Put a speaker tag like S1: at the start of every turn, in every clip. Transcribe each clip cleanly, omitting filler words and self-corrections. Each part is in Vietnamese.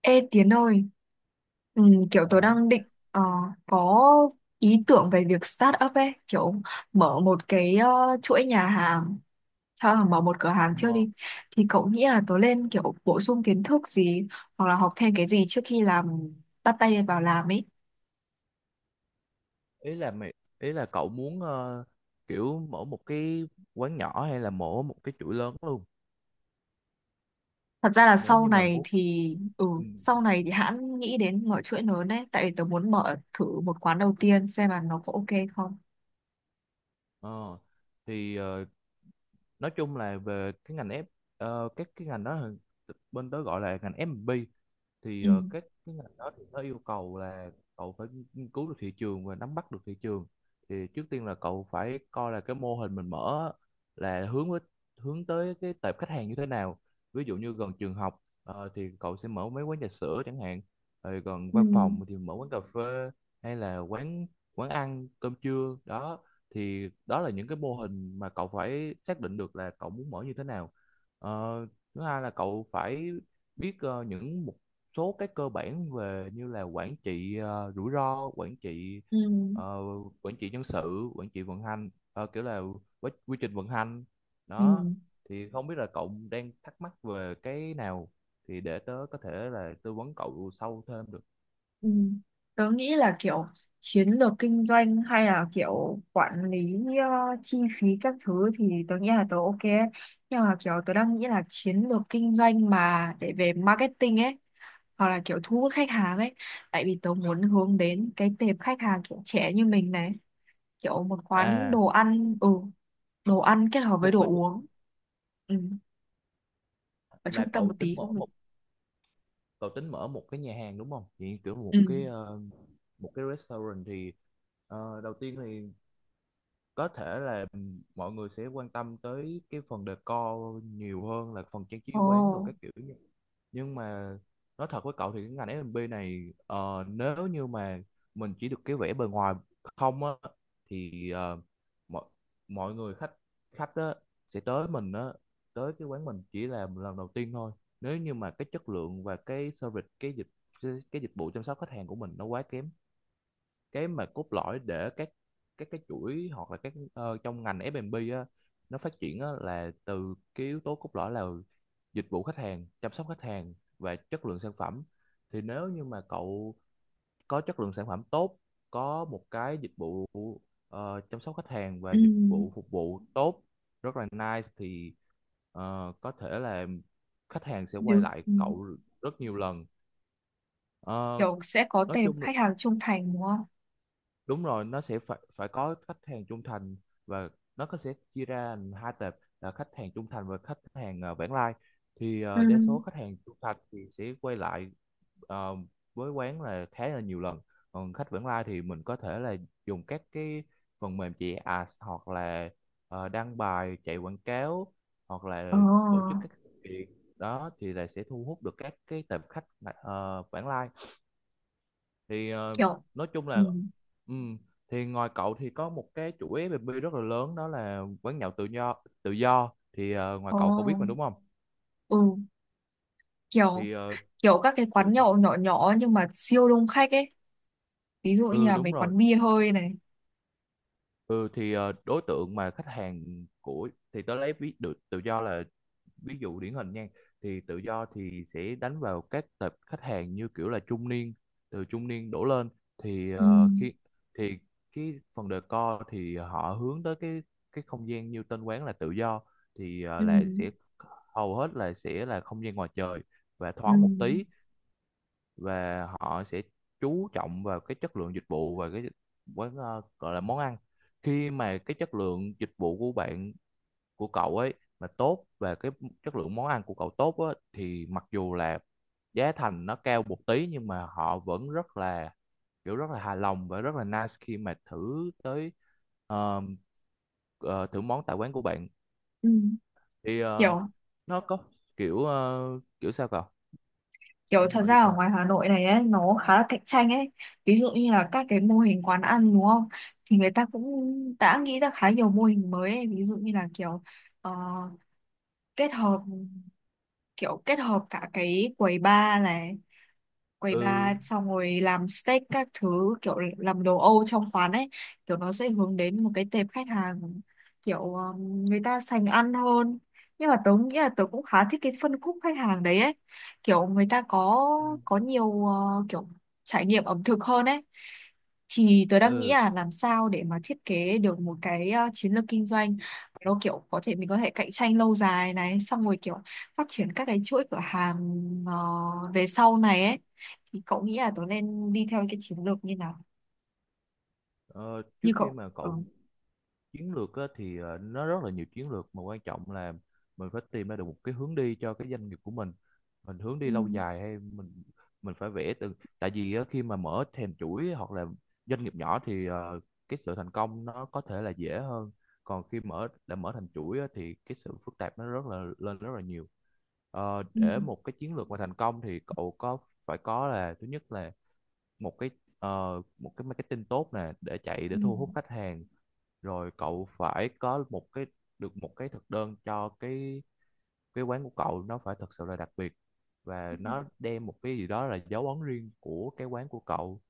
S1: Ê Tiến ơi! Ừ, kiểu tôi
S2: Hả?
S1: đang định có ý tưởng về việc start up ấy, kiểu mở một cái chuỗi nhà hàng, thôi là mở một cửa hàng trước
S2: Ờ,
S1: đi. Thì cậu nghĩ là tôi nên kiểu bổ sung kiến thức gì hoặc là học thêm cái gì trước khi bắt tay vào làm ấy.
S2: ý là mày ý là cậu muốn kiểu mở một cái quán nhỏ hay là mở một cái chuỗi lớn luôn
S1: Thật ra là
S2: nếu
S1: sau
S2: như mà
S1: này
S2: muốn
S1: thì, ừ,
S2: ừ.
S1: sau này thì hãng nghĩ đến mở chuỗi lớn đấy, tại vì tôi muốn mở thử một quán đầu tiên xem là nó có ok không.
S2: Ờ, thì ờ, nói chung là về cái ngành F ờ, các cái ngành đó là- bên tớ gọi là ngành F&B, thì
S1: Ừ.
S2: các cái ngành đó thì nó yêu cầu là cậu phải nghiên cứu được thị trường và nắm bắt được thị trường. Thì trước tiên là cậu phải coi là cái mô hình mình mở á, là hướng tới cái tệp khách hàng như thế nào. Ví dụ như gần trường học thì cậu sẽ mở mấy quán trà sữa chẳng hạn, rồi gần
S1: Ừ.
S2: văn phòng thì mở quán cà phê, hay là quán quán ăn cơm trưa đó. Thì đó là những cái mô hình mà cậu phải xác định được là cậu muốn mở như thế nào. Ờ, Thứ hai là cậu phải biết những mục số cái cơ bản về như là quản trị rủi ro, quản trị
S1: Ừ.
S2: ờ, quản trị nhân sự, quản trị vận hành, kiểu là quy trình vận hành
S1: Ừ.
S2: đó. Thì không biết là cậu đang thắc mắc về cái nào thì để tớ có thể là tư vấn cậu sâu thêm được.
S1: Ừ. Tớ nghĩ là kiểu chiến lược kinh doanh hay là kiểu quản lý chi phí các thứ thì tớ nghĩ là tớ ok ấy. Nhưng mà kiểu tớ đang nghĩ là chiến lược kinh doanh mà để về marketing ấy, hoặc là kiểu thu hút khách hàng ấy, tại vì tớ muốn hướng đến cái tệp khách hàng kiểu trẻ như mình này, kiểu một quán
S2: À
S1: đồ ăn. Ừ. Đồ ăn kết hợp với
S2: một
S1: đồ
S2: bánh mì,
S1: uống. Ừ. Ở
S2: là
S1: trung tâm một tí cũng được.
S2: cậu tính mở một cái nhà hàng đúng không, thì kiểu
S1: Ừ.
S2: một cái restaurant thì đầu tiên thì có thể là mọi người sẽ quan tâm tới cái phần decor nhiều hơn là phần trang trí
S1: Ồ.
S2: quán đồ các kiểu như. Nhưng mà nói thật với cậu thì cái ngành F&B này nếu như mà mình chỉ được cái vẻ bề ngoài không á, thì mọi mọi người khách khách á sẽ tới cái quán mình chỉ là lần đầu tiên thôi. Nếu như mà cái chất lượng và cái dịch vụ chăm sóc khách hàng của mình nó quá kém, cái mà cốt lõi để các cái chuỗi hoặc là các trong ngành F&B á, nó phát triển á, là từ cái yếu tố cốt lõi, là dịch vụ khách hàng, chăm sóc khách hàng và chất lượng sản phẩm. Thì nếu như mà cậu có chất lượng sản phẩm tốt, có một cái dịch vụ chăm sóc khách hàng và
S1: Ừ.
S2: dịch vụ phục vụ tốt, rất là nice, thì có thể là khách hàng sẽ quay
S1: Được.
S2: lại
S1: Ừ.
S2: cậu rất nhiều lần. Ờ,
S1: Kiểu sẽ có
S2: nói
S1: tệp
S2: chung
S1: khách hàng trung thành đúng không?
S2: đúng rồi, nó sẽ phải phải có khách hàng trung thành, và nó sẽ chia ra thành hai tệp là khách hàng trung thành và khách hàng vãng lai. Thì
S1: Ừ.
S2: đa số khách hàng trung thành thì sẽ quay lại ờ, với quán là khá là nhiều lần, còn khách vãng lai thì mình có thể là dùng các cái phần mềm chạy ads, hoặc là đăng bài chạy quảng cáo, hoặc là
S1: Ờ,
S2: tổ chức các sự kiện đó, thì là sẽ thu hút được các cái tệp khách vãng lai. Thì
S1: kiểu,
S2: nói chung
S1: ừ,
S2: là ừm, thì ngoài cậu thì có một cái chủ FB rất là lớn đó là quán nhậu tự do. Tự do thì ngoài
S1: ờ,
S2: cậu, cậu biết mà đúng không,
S1: ừ, kiểu
S2: thì
S1: kiểu các cái
S2: kiểu
S1: quán
S2: sao.
S1: nhậu nhỏ nhỏ nhưng mà siêu đông khách ấy. Ví dụ như
S2: Ừ
S1: là
S2: đúng
S1: mấy
S2: rồi.
S1: quán bia hơi này.
S2: Ừ thì đối tượng mà khách hàng của, thì tớ lấy ví dụ tự do là ví dụ điển hình nha, thì tự do thì sẽ đánh vào các tập khách hàng như kiểu là trung niên, từ trung niên đổ lên. Thì
S1: Ừ,
S2: ờ, khi thì cái phần decor thì họ hướng tới cái không gian như tên quán là tự do, thì
S1: ừ,
S2: là sẽ hầu hết là sẽ là không gian ngoài trời và
S1: ừ,
S2: thoáng một tí. Và họ sẽ chú trọng vào cái chất lượng dịch vụ và cái quán, gọi là món ăn. Khi mà cái chất lượng dịch vụ của cậu ấy mà tốt và cái chất lượng món ăn của cậu tốt á, thì mặc dù là giá thành nó cao một tí nhưng mà họ vẫn rất là kiểu rất là hài lòng và rất là nice khi mà thử tới ờ, ờ, thử món tại quán của bạn.
S1: ừ.
S2: Thì ờ,
S1: Kiểu
S2: nó có kiểu ờ, kiểu sao cậu cậu
S1: kiểu
S2: muốn
S1: thật
S2: hỏi gì
S1: ra ở
S2: thêm.
S1: ngoài Hà Nội này ấy nó khá là cạnh tranh ấy. Ví dụ như là các cái mô hình quán ăn đúng không? Thì người ta cũng đã nghĩ ra khá nhiều mô hình mới ấy. Ví dụ như là kiểu ờ, kết hợp kiểu kết hợp cả cái quầy bar này, quầy bar
S2: Ừ.
S1: xong rồi làm steak các thứ, kiểu làm đồ Âu trong quán ấy, kiểu nó sẽ hướng đến một cái tệp khách hàng kiểu người ta sành ăn hơn, nhưng mà tớ nghĩ là tớ cũng khá thích cái phân khúc khách hàng đấy ấy, kiểu người ta có nhiều kiểu trải nghiệm ẩm thực hơn ấy. Thì tớ đang nghĩ
S2: Ừ.
S1: là làm sao để mà thiết kế được một cái chiến lược kinh doanh nó kiểu có thể mình có thể cạnh tranh lâu dài này, xong rồi kiểu phát triển các cái chuỗi cửa hàng về sau này ấy, thì cậu nghĩ là tớ nên đi theo cái chiến lược như nào
S2: Ờ,
S1: như
S2: Trước khi
S1: cậu.
S2: mà
S1: Ờ,
S2: chiến lược á, thì nó rất là nhiều chiến lược, mà quan trọng là mình phải tìm ra được một cái hướng đi cho cái doanh nghiệp của mình. Mình hướng
S1: ừ,
S2: đi lâu dài hay mình phải vẽ từ tại vì á, khi mà mở thèm chuỗi hoặc là doanh nghiệp nhỏ thì cái sự thành công nó có thể là dễ hơn, còn khi đã mở thành chuỗi á, thì cái sự phức tạp nó rất là rất là nhiều.
S1: ừ,
S2: Để một cái chiến lược mà thành công thì cậu có phải có, là thứ nhất là một cái một cái marketing tốt nè để chạy,
S1: ừ,
S2: để thu hút khách hàng. Rồi cậu phải có một cái được một cái thực đơn cho cái quán của cậu, nó phải thật sự là đặc biệt và
S1: ừ,
S2: nó đem một cái gì đó là dấu ấn riêng của cái quán của cậu.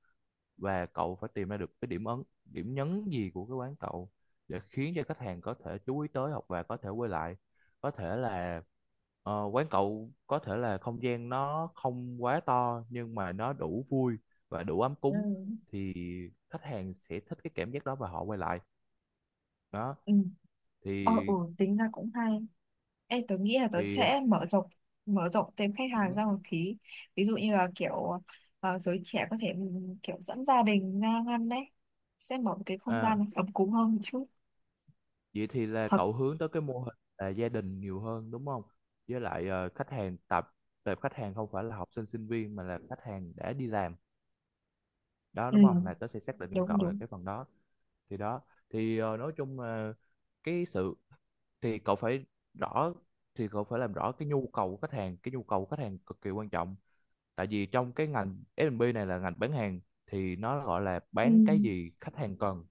S2: Và cậu phải tìm ra được cái điểm ấn điểm nhấn gì của cái quán cậu để khiến cho khách hàng có thể chú ý tới hoặc và có thể quay lại. Có thể là quán cậu có thể là không gian nó không quá to nhưng mà nó đủ vui và đủ ấm
S1: ừ,
S2: cúng, thì khách hàng sẽ thích cái cảm giác đó và họ quay lại đó.
S1: ừ, ờ,
S2: thì
S1: ừ, tính ra cũng hay. Ê, tớ nghĩ là tớ
S2: thì
S1: sẽ mở rộng thêm khách hàng ra một tí, ví dụ như là kiểu giới trẻ có thể, ừ, kiểu dẫn gia đình ra ăn đấy, sẽ mở một cái không gian
S2: à,
S1: ấm cúng hơn một chút.
S2: vậy thì là
S1: Hợp.
S2: cậu hướng tới cái mô hình là gia đình nhiều hơn đúng không, với lại khách hàng tập tập khách hàng không phải là học sinh sinh viên mà là khách hàng đã đi làm, đó
S1: Ừ.
S2: đúng không, là tớ sẽ xác định giùm
S1: Đúng,
S2: cậu là
S1: đúng.
S2: cái phần đó. Thì đó, thì nói chung là cái sự thì cậu phải rõ thì cậu phải làm rõ cái nhu cầu của khách hàng, cái nhu cầu của khách hàng cực kỳ quan trọng. Tại vì trong cái ngành F&B này là ngành bán hàng, thì nó gọi là
S1: Ừ.
S2: bán cái gì khách hàng cần.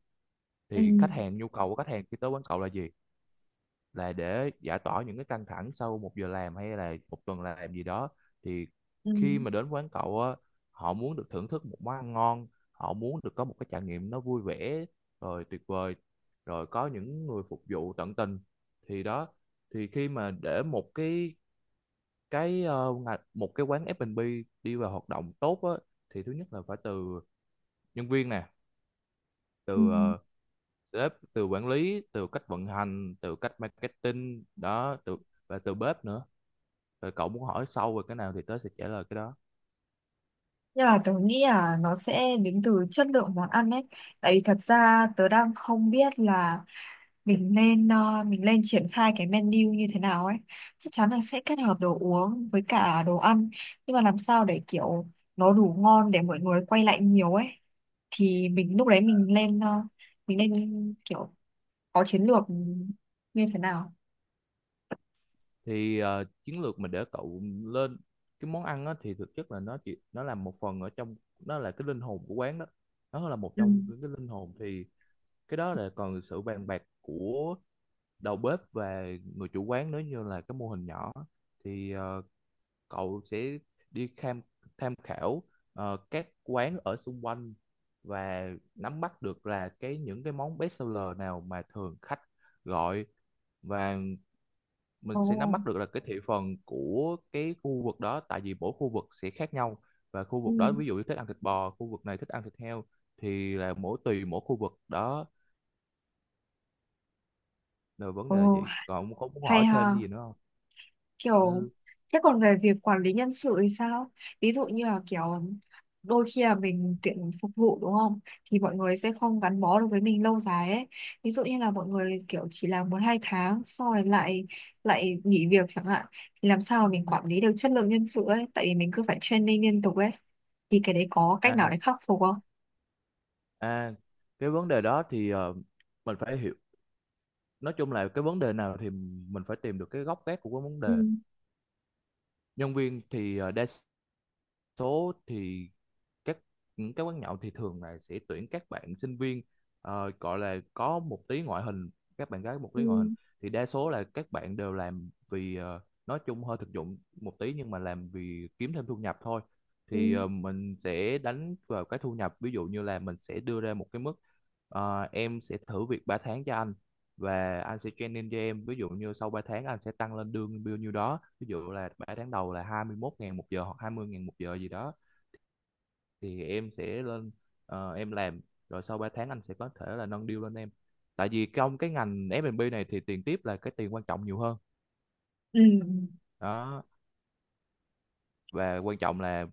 S1: Ừ.
S2: Thì khách hàng nhu cầu của khách hàng khi tới quán cậu là gì, là để giải tỏa những cái căng thẳng sau một giờ làm hay là một tuần làm gì đó. Thì
S1: Ừ.
S2: khi mà đến quán cậu á, họ muốn được thưởng thức một món ăn ngon, họ muốn được có một cái trải nghiệm nó vui vẻ, rồi tuyệt vời, rồi có những người phục vụ tận tình. Thì đó, thì khi mà để một cái ờ, ngà- một cái quán F&B đi vào hoạt động tốt á, thì thứ nhất là phải từ nhân viên nè,
S1: Ừ.
S2: từ sếp, từ quản lý, từ cách vận hành, từ cách marketing đó, từ và từ bếp nữa. Rồi cậu muốn hỏi sâu về cái nào thì tớ sẽ trả lời cái đó.
S1: Nhưng mà tớ nghĩ là nó sẽ đến từ chất lượng món ăn ấy. Tại vì thật ra tớ đang không biết là mình lên triển khai cái menu như thế nào ấy. Chắc chắn là sẽ kết hợp đồ uống với cả đồ ăn. Nhưng mà làm sao để kiểu nó đủ ngon để mọi người quay lại nhiều ấy. Thì mình lúc đấy mình nên kiểu có chiến lược như thế nào.
S2: Thì chiến lược mình để cậu lên cái món ăn á, thì thực chất là nó là một phần ở trong, nó là cái linh hồn của quán đó, nó là một
S1: Ừ.
S2: trong những cái linh hồn. Thì cái đó là còn sự bàn bạc của đầu bếp và người chủ quán, nếu như là cái mô hình nhỏ thì cậu sẽ đi tham tham khảo các quán ở xung quanh, và nắm bắt được là những cái món best seller nào mà thường khách gọi, và mình sẽ nắm
S1: Ồ.
S2: bắt được là cái thị phần của cái khu vực đó, tại vì mỗi khu vực sẽ khác nhau. Và khu
S1: Ừ.
S2: vực đó ví dụ như thích ăn thịt bò, khu vực này thích ăn thịt heo, thì là mỗi tùy mỗi khu vực đó. Là vấn đề là
S1: Ồ,
S2: gì, còn ông có muốn
S1: hay
S2: hỏi thêm
S1: ha.
S2: cái gì nữa không.
S1: Kiểu
S2: Ừ.
S1: thế còn về việc quản lý nhân sự thì sao? Ví dụ như là kiểu đôi khi là mình tuyển phục vụ đúng không, thì mọi người sẽ không gắn bó được với mình lâu dài ấy, ví dụ như là mọi người kiểu chỉ làm một hai tháng xong rồi lại lại nghỉ việc chẳng hạn. Thì làm sao mà mình quản lý được chất lượng nhân sự ấy, tại vì mình cứ phải training liên tục ấy, thì cái đấy có cách nào
S2: À.
S1: để khắc phục không?
S2: À, cái vấn đề đó thì mình phải hiểu, nói chung là cái vấn đề nào thì mình phải tìm được cái gốc gác của cái vấn
S1: Ừ.
S2: đề. Nhân viên thì đa số thì các những cái quán nhậu thì thường là sẽ tuyển các bạn sinh viên, gọi là có một tí ngoại hình, các bạn gái một
S1: Ừ.
S2: tí ngoại hình. Thì đa số là các bạn đều làm vì nói chung hơi thực dụng một tí, nhưng mà làm vì kiếm thêm thu nhập thôi.
S1: Ừ.
S2: Thì mình sẽ đánh vào cái thu nhập, ví dụ như là mình sẽ đưa ra một cái mức em sẽ thử việc 3 tháng cho anh và anh sẽ training cho em, ví dụ như sau 3 tháng anh sẽ tăng lên lương bao nhiêu đó. Ví dụ là 3 tháng đầu là 21 ngàn một giờ hoặc 20 ngàn một giờ gì đó, thì em sẽ lên em làm, rồi sau 3 tháng anh sẽ có thể là nâng deal lên em. Tại vì trong cái ngành F&B này thì tiền tiếp là cái tiền quan trọng nhiều hơn
S1: Ừ.
S2: đó. Và quan trọng là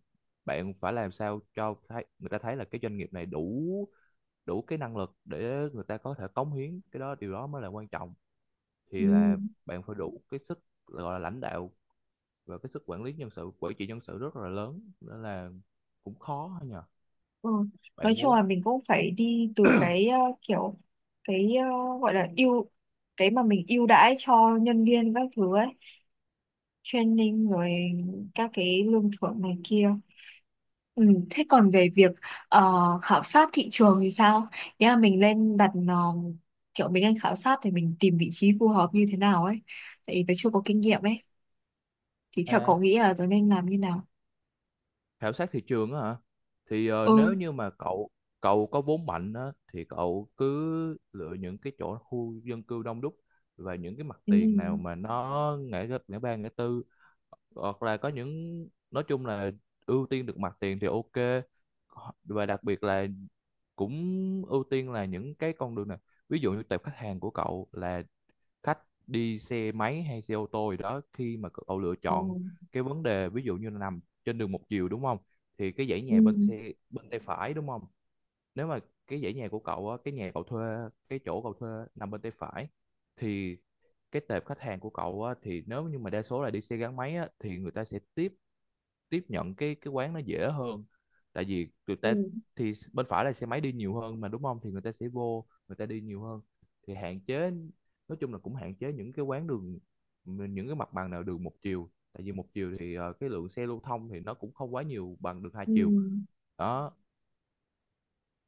S2: bạn phải làm sao cho thấy, người ta thấy là cái doanh nghiệp này đủ, đủ cái năng lực để người ta có thể cống hiến, cái đó điều đó mới là quan trọng.
S1: Ừ.
S2: Thì là bạn phải đủ cái sức gọi là lãnh đạo, và cái sức quản trị nhân sự rất là lớn, nên là cũng khó nhờ.
S1: Ừ. Nói
S2: Bạn
S1: chung
S2: muốn.
S1: là mình cũng phải đi từ cái kiểu cái gọi là ưu, cái mà mình ưu đãi cho nhân viên các thứ ấy, training rồi các cái lương thưởng này kia. Ừ. Thế còn về việc ờ, khảo sát thị trường thì sao? Nghĩa là mình lên đặt kiểu mình lên khảo sát thì mình tìm vị trí phù hợp như thế nào ấy, tại vì tớ chưa có kinh nghiệm ấy, thì theo
S2: À,
S1: cậu nghĩ là tớ nên làm như nào?
S2: khảo sát thị trường á hả, thì
S1: Ừ.
S2: nếu như mà cậu cậu có vốn mạnh á, thì cậu cứ lựa những cái chỗ khu dân cư đông đúc và những cái mặt
S1: Ừ.
S2: tiền nào mà nó ngã ba ngã tư, hoặc là có những, nói chung là ưu tiên được mặt tiền thì ok. Và đặc biệt là cũng ưu tiên là những cái con đường này, ví dụ như tệp khách hàng của cậu là khách đi xe máy hay xe ô tô gì đó. Khi mà cậu lựa
S1: Ừ.
S2: chọn cái vấn đề ví dụ như là nằm trên đường một chiều đúng không, thì cái dãy nhà
S1: Ừ.
S2: bên tay phải đúng không. Nếu mà cái dãy nhà của cậu á, cái chỗ cậu thuê nằm bên tay phải, thì cái tệp khách hàng của cậu á, thì nếu như mà đa số là đi xe gắn máy á, thì người ta sẽ tiếp tiếp nhận cái quán nó dễ hơn, tại vì người ta,
S1: Ừ.
S2: thì bên phải là xe máy đi nhiều hơn mà đúng không, thì người ta sẽ vô, người ta đi nhiều hơn. Thì hạn chế, nói chung là cũng hạn chế những cái quán đường những cái mặt bằng nào đường một chiều, tại vì một chiều thì cái lượng xe lưu thông thì nó cũng không quá nhiều bằng đường hai
S1: Ừ.
S2: chiều đó.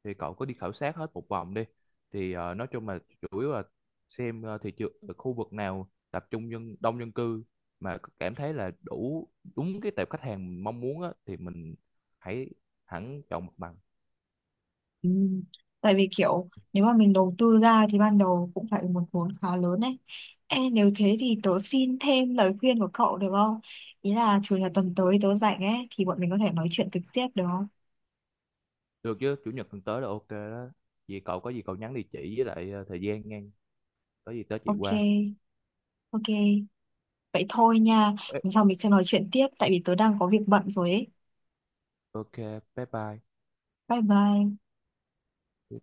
S2: Thì cậu có đi khảo sát hết một vòng đi, thì nói chung là chủ yếu là xem thị trường khu vực nào tập trung đông dân cư, mà cảm thấy là đủ đúng cái tệp khách hàng mình mong muốn á, thì mình hãy hẳn chọn mặt bằng.
S1: Ừ. Tại vì kiểu nếu mà mình đầu tư ra thì ban đầu cũng phải một vốn khá lớn đấy. Em nếu thế thì tớ xin thêm lời khuyên của cậu được không? Ý là chủ nhật tuần tới tớ rảnh ấy, thì bọn mình có thể nói chuyện trực tiếp được không?
S2: Được chứ, chủ nhật tuần tới là ok đó. Vì cậu có gì cậu nhắn địa chỉ với lại thời gian ngang, có gì tới chị
S1: Ok,
S2: qua.
S1: ok. Vậy thôi nha.
S2: Ê,
S1: Lần sau mình sẽ nói chuyện tiếp tại vì tớ đang có việc bận rồi ấy.
S2: ok, bye bye.
S1: Bye bye.